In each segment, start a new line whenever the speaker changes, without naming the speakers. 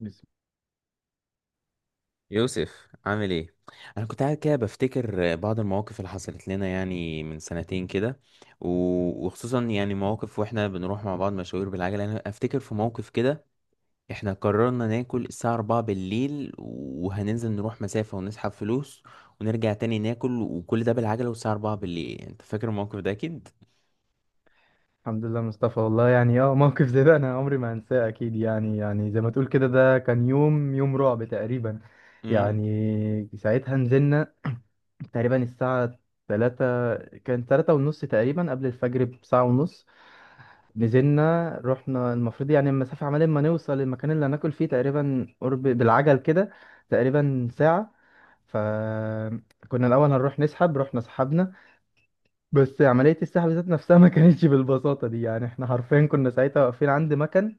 بس
يوسف عامل ايه؟ انا كنت قاعد كده بفتكر بعض المواقف اللي حصلت لنا يعني من 2 سنين كده و- وخصوصا يعني مواقف واحنا بنروح مع بعض مشاوير بالعجله. انا افتكر في موقف كده، احنا قررنا ناكل الساعه 4:00 بالليل، وهننزل نروح مسافه ونسحب فلوس ونرجع تاني ناكل، وكل ده بالعجله والساعه 4:00 بالليل. انت فاكر الموقف ده اكيد.
الحمد لله مصطفى. والله يعني موقف زي ده انا عمري ما هنساه اكيد، يعني زي ما تقول كده، ده كان يوم رعب تقريبا.
امم
يعني ساعتها نزلنا تقريبا الساعة 3، كان 3:30 تقريبا، قبل الفجر بساعة ونص. نزلنا رحنا، المفروض يعني المسافة عمال ما نوصل المكان اللي هناكل فيه تقريبا، قرب بالعجل كده تقريبا ساعة. فكنا الأول هنروح نسحب، رحنا سحبنا. بس عملية السحب ذات نفسها ما كانتش بالبساطة دي، يعني احنا حرفيا كنا ساعتها واقفين عند مكن.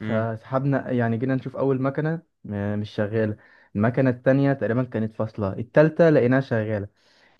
امم
يعني جينا نشوف أول مكنة مش شغالة. المكنة التانية تقريبا كانت فاصلة، التالتة لقيناها شغالة.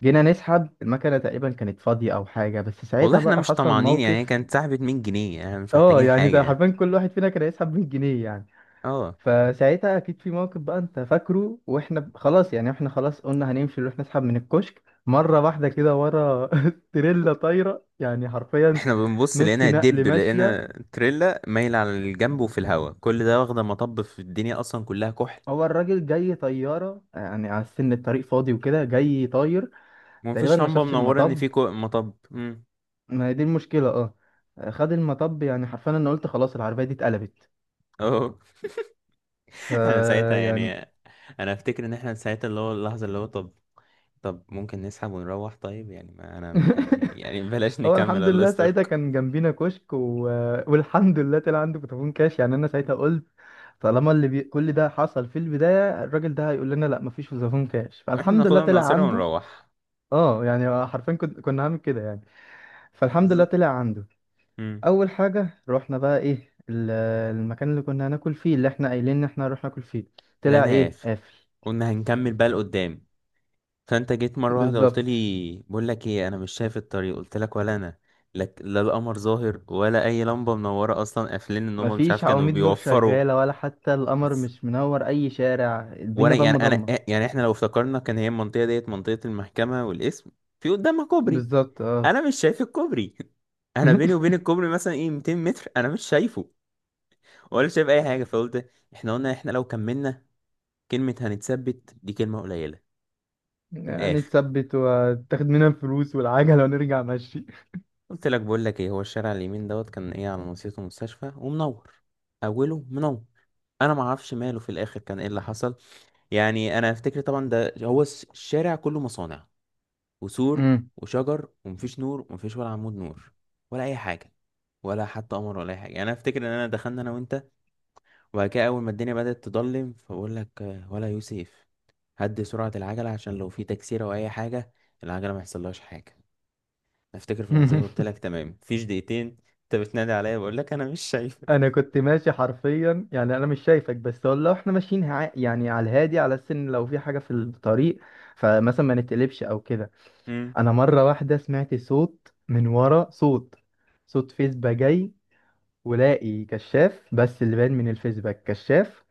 جينا نسحب المكنة تقريبا كانت فاضية أو حاجة، بس
والله
ساعتها
احنا
بقى
مش
حصل
طمعانين، يعني هي
موقف.
كانت سحبت 100 جنيه، يعني مش
اه،
محتاجين
يعني
حاجه
ده
يعني.
حرفيا كل واحد فينا كان هيسحب 100 جنيه يعني.
اه.
فساعتها أكيد في موقف بقى أنت فاكره، وإحنا خلاص، يعني إحنا خلاص قلنا هنمشي نروح نسحب من الكشك مرة واحدة كده، ورا تريلا طايرة يعني، حرفيا
احنا بنبص
نص
لقينا
نقل
دب،
ماشية.
لقينا تريلا مايلة على الجنب وفي الهوا، كل ده واخدة مطب، في الدنيا اصلا كلها كحل
هو الراجل جاي طيارة يعني على السن، الطريق فاضي وكده جاي طاير. تقريبا
ومفيش
ما
لمبة
شافش
منورة، ان
المطب.
في مطب.
ما هي دي المشكلة، اه. خد المطب، يعني حرفيا انا قلت خلاص العربية دي اتقلبت.
اه.
ف
انا ساعتها
يعني.
يعني انا افتكر ان احنا ساعتها اللي هو اللحظة اللي هو، طب طب ممكن نسحب ونروح؟ طيب يعني ما انا يعني بلاش
هو
نكمل،
الحمد
الله
لله ساعتها
يستركم.
كان جنبينا كشك و... والحمد لله طلع عنده فودافون كاش، يعني انا ساعتها قلت طالما كل ده حصل في البداية، الراجل ده هيقول لنا لا مفيش فودافون كاش،
احنا
فالحمد لله
ناخدها من
طلع
قصيرها
عنده.
ونروح.
اه يعني حرفيا كنا هعمل كده يعني، فالحمد لله
بالظبط.
طلع عنده.
امم.
اول حاجه رحنا بقى ايه المكان اللي كنا هناكل فيه، اللي احنا قايلين ان احنا هنروح ناكل فيه، طلع
لقيناها
ايه
قافل،
قافل.
قلنا هنكمل بقى لقدام. فانت جيت مرة واحدة قلت
بالظبط.
لي بقول لك ايه؟ انا مش شايف الطريق. قلت لك ولا انا لك، لا القمر ظاهر ولا اي لمبة منورة اصلا، قافلين ان هم مش عارف
مفيش
كانوا
عواميد نور
بيوفروا.
شغاله، ولا حتى القمر
بس-
مش منور اي شارع، الدنيا
وانا يعني
ضلمه
انا
ضلمه.
يعني احنا لو افتكرنا، كان هي المنطقة ديت منطقة المحكمة والاسم، في قدامها كوبري.
بالظبط، اه.
انا مش شايف الكوبري. انا بيني وبين الكوبري مثلا ايه 200 متر انا مش شايفه، ولا شايف اي حاجة. فقلت احنا، قلنا احنا لو كملنا كلمة هنتثبت دي كلمة قليلة. من
يعني
الاخر
تثبت وتاخد منها الفلوس والعجله ونرجع ماشي.
قلت لك بقول لك ايه، هو الشارع اليمين دوت كان ايه، على نصيته مستشفى ومنور، اوله منور، انا ما اعرفش ماله في الاخر كان ايه اللي حصل. يعني انا افتكر طبعا ده هو الشارع كله مصانع وسور
مم.
وشجر، ومفيش نور ومفيش ولا عمود نور ولا اي حاجه، ولا حتى قمر ولا اي حاجه. يعني انا افتكر ان انا دخلنا انا وانت، وبعد كده اول ما الدنيا بدات تضلم فبقول لك آه، ولا يوسف هدي سرعه العجله عشان لو في تكسيره او اي حاجه العجله ما يحصلهاش حاجه. افتكر في اللحظه دي قلت لك تمام. مفيش دقيقتين انت بتنادي عليا بقول لك انا مش شايفك.
انا كنت ماشي حرفيا، يعني انا مش شايفك، بس هو لو احنا ماشيين يعني على الهادي على السن، لو في حاجه في الطريق فمثلا ما نتقلبش او كده.
مم.
انا مره واحده سمعت صوت من ورا، صوت، صوت فيسبا جاي، ولاقي كشاف، بس اللي باين من الفيسبا كشاف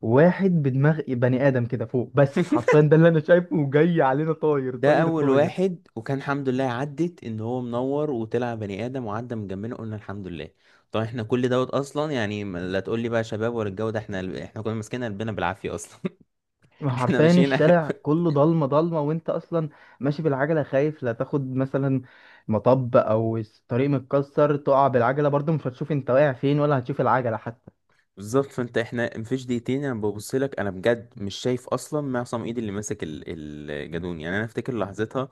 واحد بدماغ بني ادم كده فوق، بس حرفيا ده اللي انا شايفه، وجاي علينا طاير
ده
طاير
اول
طاير.
واحد، وكان الحمد لله عدت ان هو منور وطلع بني ادم وعدى من جنبنا، قلنا الحمد لله. طب احنا كل دوت اصلا يعني لا تقول لي بقى شباب ولا الجو ده، احنا كنا ماسكين قلبنا بالعافيه اصلا. احنا
حرفيا
ماشيين.
الشارع كله ضلمه ضلمه، وانت اصلا ماشي بالعجله، خايف لا تاخد مثلا مطب او الطريق متكسر تقع بالعجله، برضه مش هتشوف انت واقع فين، ولا هتشوف العجله حتى.
بالظبط. فانت، احنا مفيش دقيقتين انا ببص لك، انا بجد مش شايف اصلا معصم ايد اللي ماسك الجدون. يعني انا افتكر لحظتها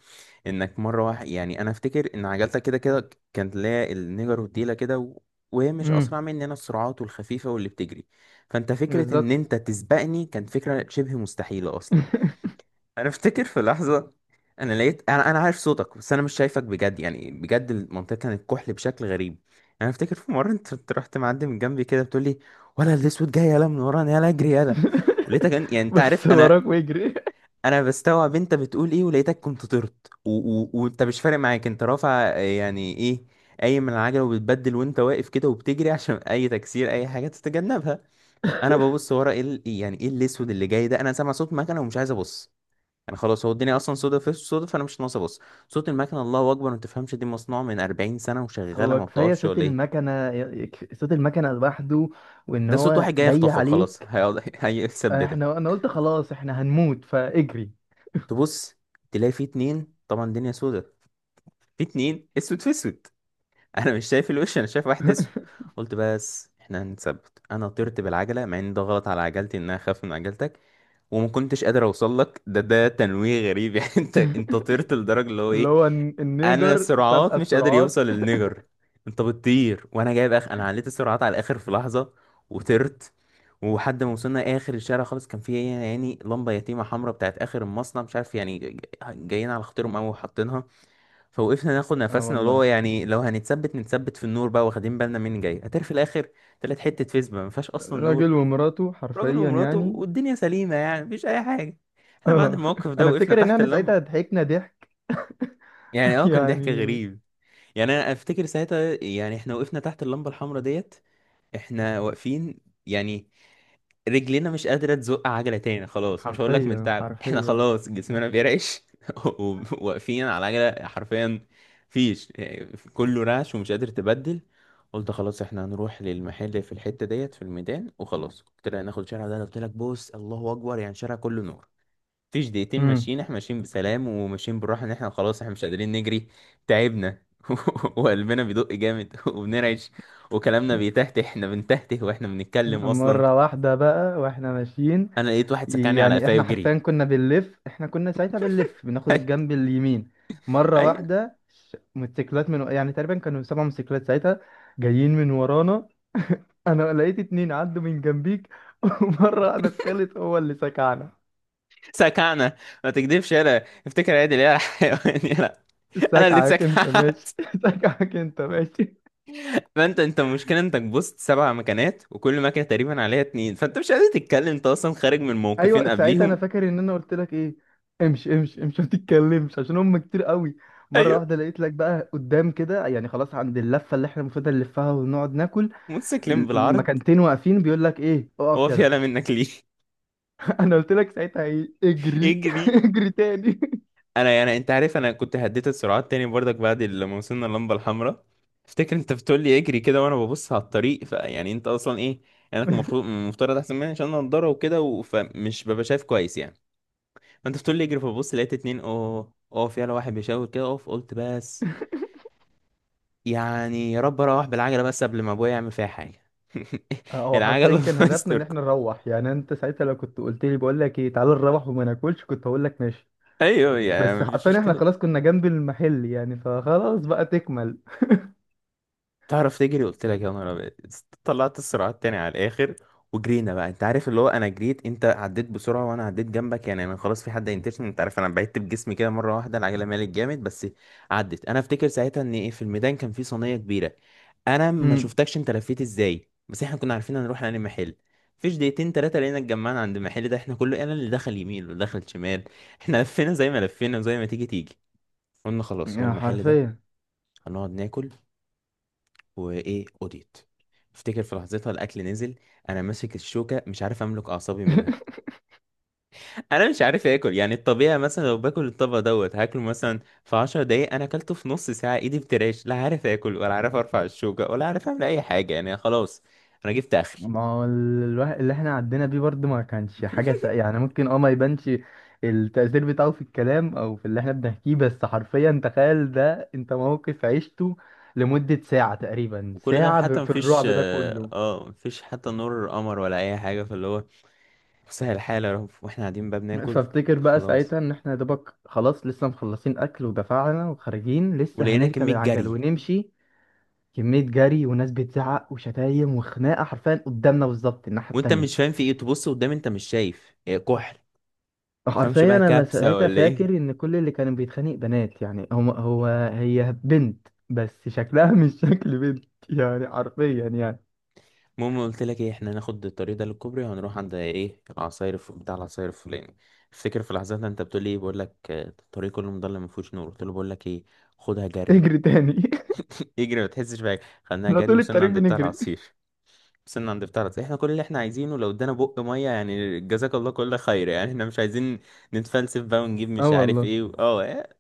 انك مره واحد، يعني انا افتكر ان عجلتك كده كده كانت لا، النيجر والديله كده وهي مش
امم.
اسرع مني، انا السرعات والخفيفه واللي بتجري. فانت فكره ان
بالظبط.
انت تسبقني كانت فكره شبه مستحيله اصلا. انا افتكر في لحظه، انا لقيت انا عارف صوتك بس انا مش شايفك بجد، يعني بجد المنطقه كانت كحل بشكل غريب. انا افتكر في مره انت، أنت رحت معدي من جنبي كده بتقول لي، ولا الاسود جاي يلا من ورانا، يلا اجري يلا. ولقيتك يعني انت عارف
بص
انا،
وراك ويجري.
انا بستوعب انت بتقول ايه، ولقيتك كنت طرت وانت مش فارق معاك، انت رافع آه، يعني ايه قايم من العجله وبتبدل وانت واقف كده وبتجري عشان اي تكسير اي حاجه تتجنبها. انا ببص ورا، ايه يعني ايه الاسود اللي جاي ده، انا سامع صوت مكنه ومش عايز ابص. يعني خلاص هو الدنيا اصلا سودا في سودا، فانا مش ناقص ابص. صوت المكنه الله اكبر، ما تفهمش دي مصنوعه من 40 سنه وشغاله
هو
ما
كفاية
بتقفش
صوت
ولا ايه؟
المكنة صوت المكنة لوحده، وإن
ده صوت
هو
واحد جاي
جاي
يخطفك خلاص،
عليك.
هيقعد هيثبتك.
احنا انا قلت خلاص احنا هنموت، فاجري.
تبص تلاقي في اتنين، طبعا الدنيا سودا، في اتنين اسود في اسود. انا مش شايف الوش، انا شايف واحد اسود. قلت بس احنا هنتثبت. انا طرت بالعجله مع ان ده غلط على عجلتي انها اخاف من عجلتك، وما كنتش قادر اوصل لك. ده ده تنويه غريب. يعني انت، انت طرت لدرجه اللي هو
اللي
ايه،
هو
انا
النيجر سابقة
السرعات مش قادر يوصل
السرعات.
للنجر. انت بتطير وانا جايب اخ، انا عليت السرعات على الاخر في لحظه وطرت. وحد ما وصلنا اخر الشارع خالص، كان في يعني لمبه يتيمه حمراء بتاعت اخر المصنع، مش عارف يعني جايين على خاطرهم قوي وحاطينها. فوقفنا ناخد
اه
نفسنا، اللي هو
والله.
يعني لو هنتثبت نتثبت في النور بقى، واخدين بالنا مين جاي هتعرف في الاخر. طلعت حته فيسبا ما فيهاش اصلا
راجل
نور،
ومراته
راجل
حرفيا
ومراته،
يعني.
والدنيا سليمه يعني مفيش اي حاجه. احنا بعد
اه.
الموقف ده
انا
وقفنا
افتكر ان
تحت
احنا
اللمبه.
ساعتها ضحكنا ضحك.
يعني اه، كان ضحك
يعني
غريب. يعني انا افتكر ساعتها، يعني احنا وقفنا تحت اللمبه الحمراء ديت، احنا واقفين يعني، رجلنا مش قادره تزق عجله تاني خلاص، مش هقول لك من
حرفيا
تعب، احنا
حرفيا.
خلاص جسمنا بيرعش. وواقفين على عجله حرفيا فيش، كله رعش ومش قادر تبدل. قلت خلاص احنا هنروح للمحل في الحته ديت في الميدان. وخلاص قلت لها ناخد شارع ده، قلت لك بص الله اكبر، يعني شارع كله نور. مفيش دقيقتين
امم.
ماشيين، احنا ماشيين بسلام وماشيين بالراحة ان احنا خلاص احنا مش قادرين نجري، تعبنا. وقلبنا بيدق جامد، وبنرعش، وكلامنا بيتهته، احنا بنتهته واحنا بنتكلم اصلا.
مرة واحدة بقى واحنا ماشيين،
انا لقيت واحد سكعني على
يعني
قفاي
احنا
وجري.
حرفيا كنا بنلف، احنا كنا ساعتها بنلف بناخد الجنب اليمين. مرة
ايوه
واحدة موتوسيكلات، من يعني تقريبا كانوا 7 موتوسيكلات ساعتها جايين من ورانا، انا لقيت اتنين عدوا من جنبيك. ومرة انا التالت هو اللي سكعنا.
سكعنا. ما تكدبش يلا، افتكر عادل يا حيوان، يلا. انا اللي
سكعك انت
اتسكعت.
ماشي. سكعك انت ماشي.
فانت، انت المشكله انك بصت 7 مكانات وكل مكنه تقريبا عليها اتنين، فانت مش قادر تتكلم انت اصلا خارج من موقفين
ايوه ساعتها انا
قبليهم.
فاكر ان انا قلت لك ايه، امشي امشي امشي ما تتكلمش عشان هم كتير قوي. مرة
ايوه.
واحدة لقيت لك بقى قدام كده، يعني خلاص عند اللفة اللي احنا المفروض نلفها ونقعد ناكل،
موتوسيكلين بالعرض.
مكانتين واقفين بيقول لك ايه
هو
اقف
في
يلا.
يلا منك ليه؟
انا قلت لك ساعتها ايه، اجري.
يجري.
اجري تاني.
انا يعني انت عارف انا كنت هديت السرعات تاني برضك بعد لما وصلنا اللمبه الحمراء. افتكر انت بتقول لي اجري كده، وانا ببص على الطريق، فيعني انت اصلا ايه، يعني انك المفروض المفترض احسن مني عشان انا نضاره وكده فمش ببقى شايف كويس يعني. فانت بتقول لي اجري، فببص لقيت اتنين، اه في على واحد بيشاور كده اقف. قلت بس، يعني يا رب اروح بالعجله بس قبل ما ابويا يعمل فيها حاجه.
هو
العجله
حرفيا كان
الله
هدفنا ان
يستركم.
احنا نروح، يعني انت ساعتها لو كنت قلت لي بقول لك ايه تعالى نروح وما ناكلش كنت هقول لك ماشي،
ايوه يعني
بس
مفيش
حرفيا احنا
مشكله.
خلاص كنا جنب المحل يعني، فخلاص بقى تكمل.
تعرف تجري، قلت لك يا نهار أبيض. طلعت السرعات تاني على الاخر، وجرينا بقى. انت عارف اللي هو انا جريت، انت عديت بسرعه وانا عديت جنبك، يعني انا خلاص في حد هينتشني. انت عارف انا بعدت بجسمي كده مره واحده، العجله مالت جامد، بس عدت. انا افتكر ساعتها ان ايه، في الميدان كان في صينيه كبيره، انا ما
امم.
شفتكش انت لفيت ازاي، بس احنا كنا عارفين هنروح على محل. فيش دقيقتين تلاتة لقينا اتجمعنا عند المحل ده، احنا كله، انا اللي دخل يمين واللي دخل شمال. احنا لفينا زي ما لفينا وزي ما تيجي تيجي، قلنا خلاص هو
يا
المحل ده،
حرفيا.
هنقعد ناكل. وايه اوديت. افتكر في لحظتها الاكل نزل، انا ماسك الشوكه مش عارف املك اعصابي منها. انا مش عارف اكل، يعني الطبيعي مثلا لو باكل الطبق دوت هاكله مثلا في 10 دقايق، انا اكلته في نص ساعه، ايدي بترعش، لا عارف اكل ولا عارف ارفع الشوكه ولا عارف اعمل اي حاجه، يعني خلاص انا جبت اخري.
ما هو الواحد اللي احنا عدينا بيه برضه ما كانش حاجة يعني ممكن، ما يبانش التأثير بتاعه في الكلام او في اللي احنا بنحكيه، بس حرفيا تخيل ده انت موقف عشته لمدة ساعة، تقريبا
وكل ده
ساعة
حتى
في
مفيش
الرعب ده
اه
كله.
آه، مفيش حتى نور قمر ولا اي حاجه، فاللي هو سهل الحال يا رب، واحنا قاعدين بقى بناكل
فافتكر بقى
خلاص.
ساعتها ان احنا يا دوبك خلاص لسه مخلصين اكل ودفعنا وخارجين، لسه
ولقينا
هنركب
كميه
العجل
جري.
ونمشي، كمية جري وناس بتزعق وشتايم وخناقة، حرفيا قدامنا بالظبط الناحية
وانت
التانية.
مش فاهم في ايه، تبص قدام انت مش شايف، إيه، كحل. فمش
حرفيا
بقى
انا
كبسة
ساعتها
ولا ايه.
فاكر ان كل اللي كانوا بيتخانق بنات، يعني هو هو، هي بنت بس شكلها مش شكل بنت، يعني حرفيا يعني.
المهم قلت لك ايه، احنا هناخد الطريق ده للكوبري وهنروح عند ايه العصاير، في بتاع العصاير الفلاني. افتكر في لحظتها انت بتقول لي ايه، بقول لك آه، الطريق كله مضلم ما فيهوش نور. قلت له بقول لك ايه، خدها جري.
اجري تاني.
اجري ما تحسش بحاجه. خدناها
احنا
جري،
طول
وصلنا
الطريق
عند بتاع
بنجري.
العصير. وصلنا عند بتاع العصير، احنا كل اللي احنا عايزينه لو ادانا بق ميه يعني، جزاك الله كل خير، يعني احنا مش عايزين نتفلسف بقى ونجيب
اه
مش عارف
والله.
ايه اه إيه؟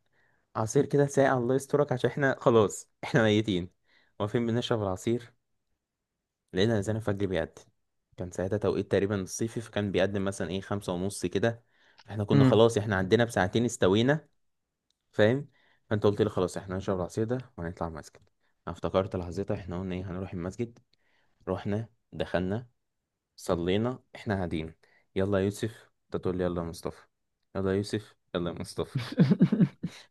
عصير كده ساقع الله يسترك، عشان احنا خلاص احنا ميتين. واقفين بنشرب العصير، لقينا الانسان الفجر بيقدم، كان ساعتها توقيت تقريبا الصيفي، فكان بيقدم مثلا ايه 5:30 كده. احنا كنا
امم.
خلاص احنا عندنا بـ 2 ساعة استوينا. فاهم؟ فانت قلت لي خلاص احنا هنشرب العصير ده وهنطلع المسجد. انا افتكرت لحظتها، احنا قلنا ايه هنروح المسجد. رحنا دخلنا، صلينا، احنا قاعدين. يلا يا يوسف، انت تقول لي يلا يا مصطفى. يلا يا يوسف، يلا يا مصطفى.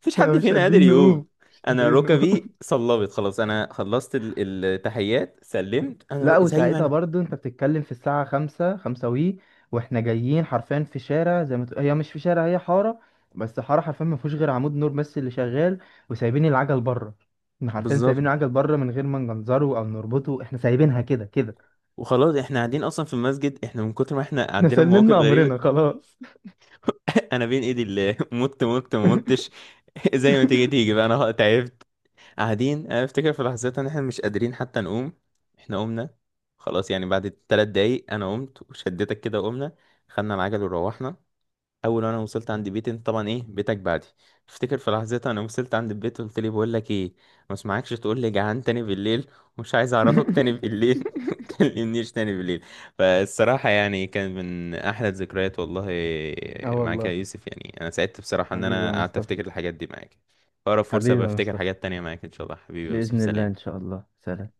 مفيش حد
مش
فينا قادر
قادرين
يقول.
نقوم، مش
انا
قادرين نقوم.
ركبي صلبت خلاص، انا خلصت التحيات سلمت انا
لا،
زي ما
وساعتها
انا.
برضو انت بتتكلم في الساعة 5، خمسة وي واحنا جايين حرفيا في شارع، زي ما تقول هي مش في شارع، هي حارة، بس حارة حرفيا ما فيهوش غير عمود نور بس اللي شغال، وسايبين العجل بره، احنا حرفيا
بالظبط.
سايبين العجل بره من غير ما نجنزره او نربطه، احنا سايبينها كده كده.
وخلاص احنا قاعدين اصلا في المسجد، احنا من كتر ما احنا
احنا
عندنا مواقف
سلمنا
غريبه.
امرنا خلاص.
انا بين ايدي اللي، مت مت ما متش. زي ما تيجي تيجي بقى، انا تعبت. قاعدين انا افتكر في لحظات ان احنا مش قادرين حتى نقوم. احنا قمنا خلاص، يعني بعد 3 دقايق انا قمت وشدتك كده وقمنا، خدنا العجل وروحنا. اول وانا وصلت عند بيتي، انت طبعا ايه بيتك بعدي. افتكر في لحظتها انا وصلت عند البيت قلت لي بقول لك ايه، ما اسمعكش تقول لي جعان تاني بالليل، ومش عايز اعرفك تاني بالليل، ما تكلمنيش تاني بالليل. فالصراحه يعني كان من احلى الذكريات والله
اه
معاك يا
والله.
يوسف، يعني انا سعدت بصراحه ان
حبيبي يا
انا قعدت
مصطفى.
افتكر الحاجات دي معاك. اقرب فرصه
حبيبي يا
بفتكر
مصطفى.
حاجات تانية معاك ان شاء الله. حبيبي يا يوسف،
بإذن الله إن
سلام.
شاء الله، سلام.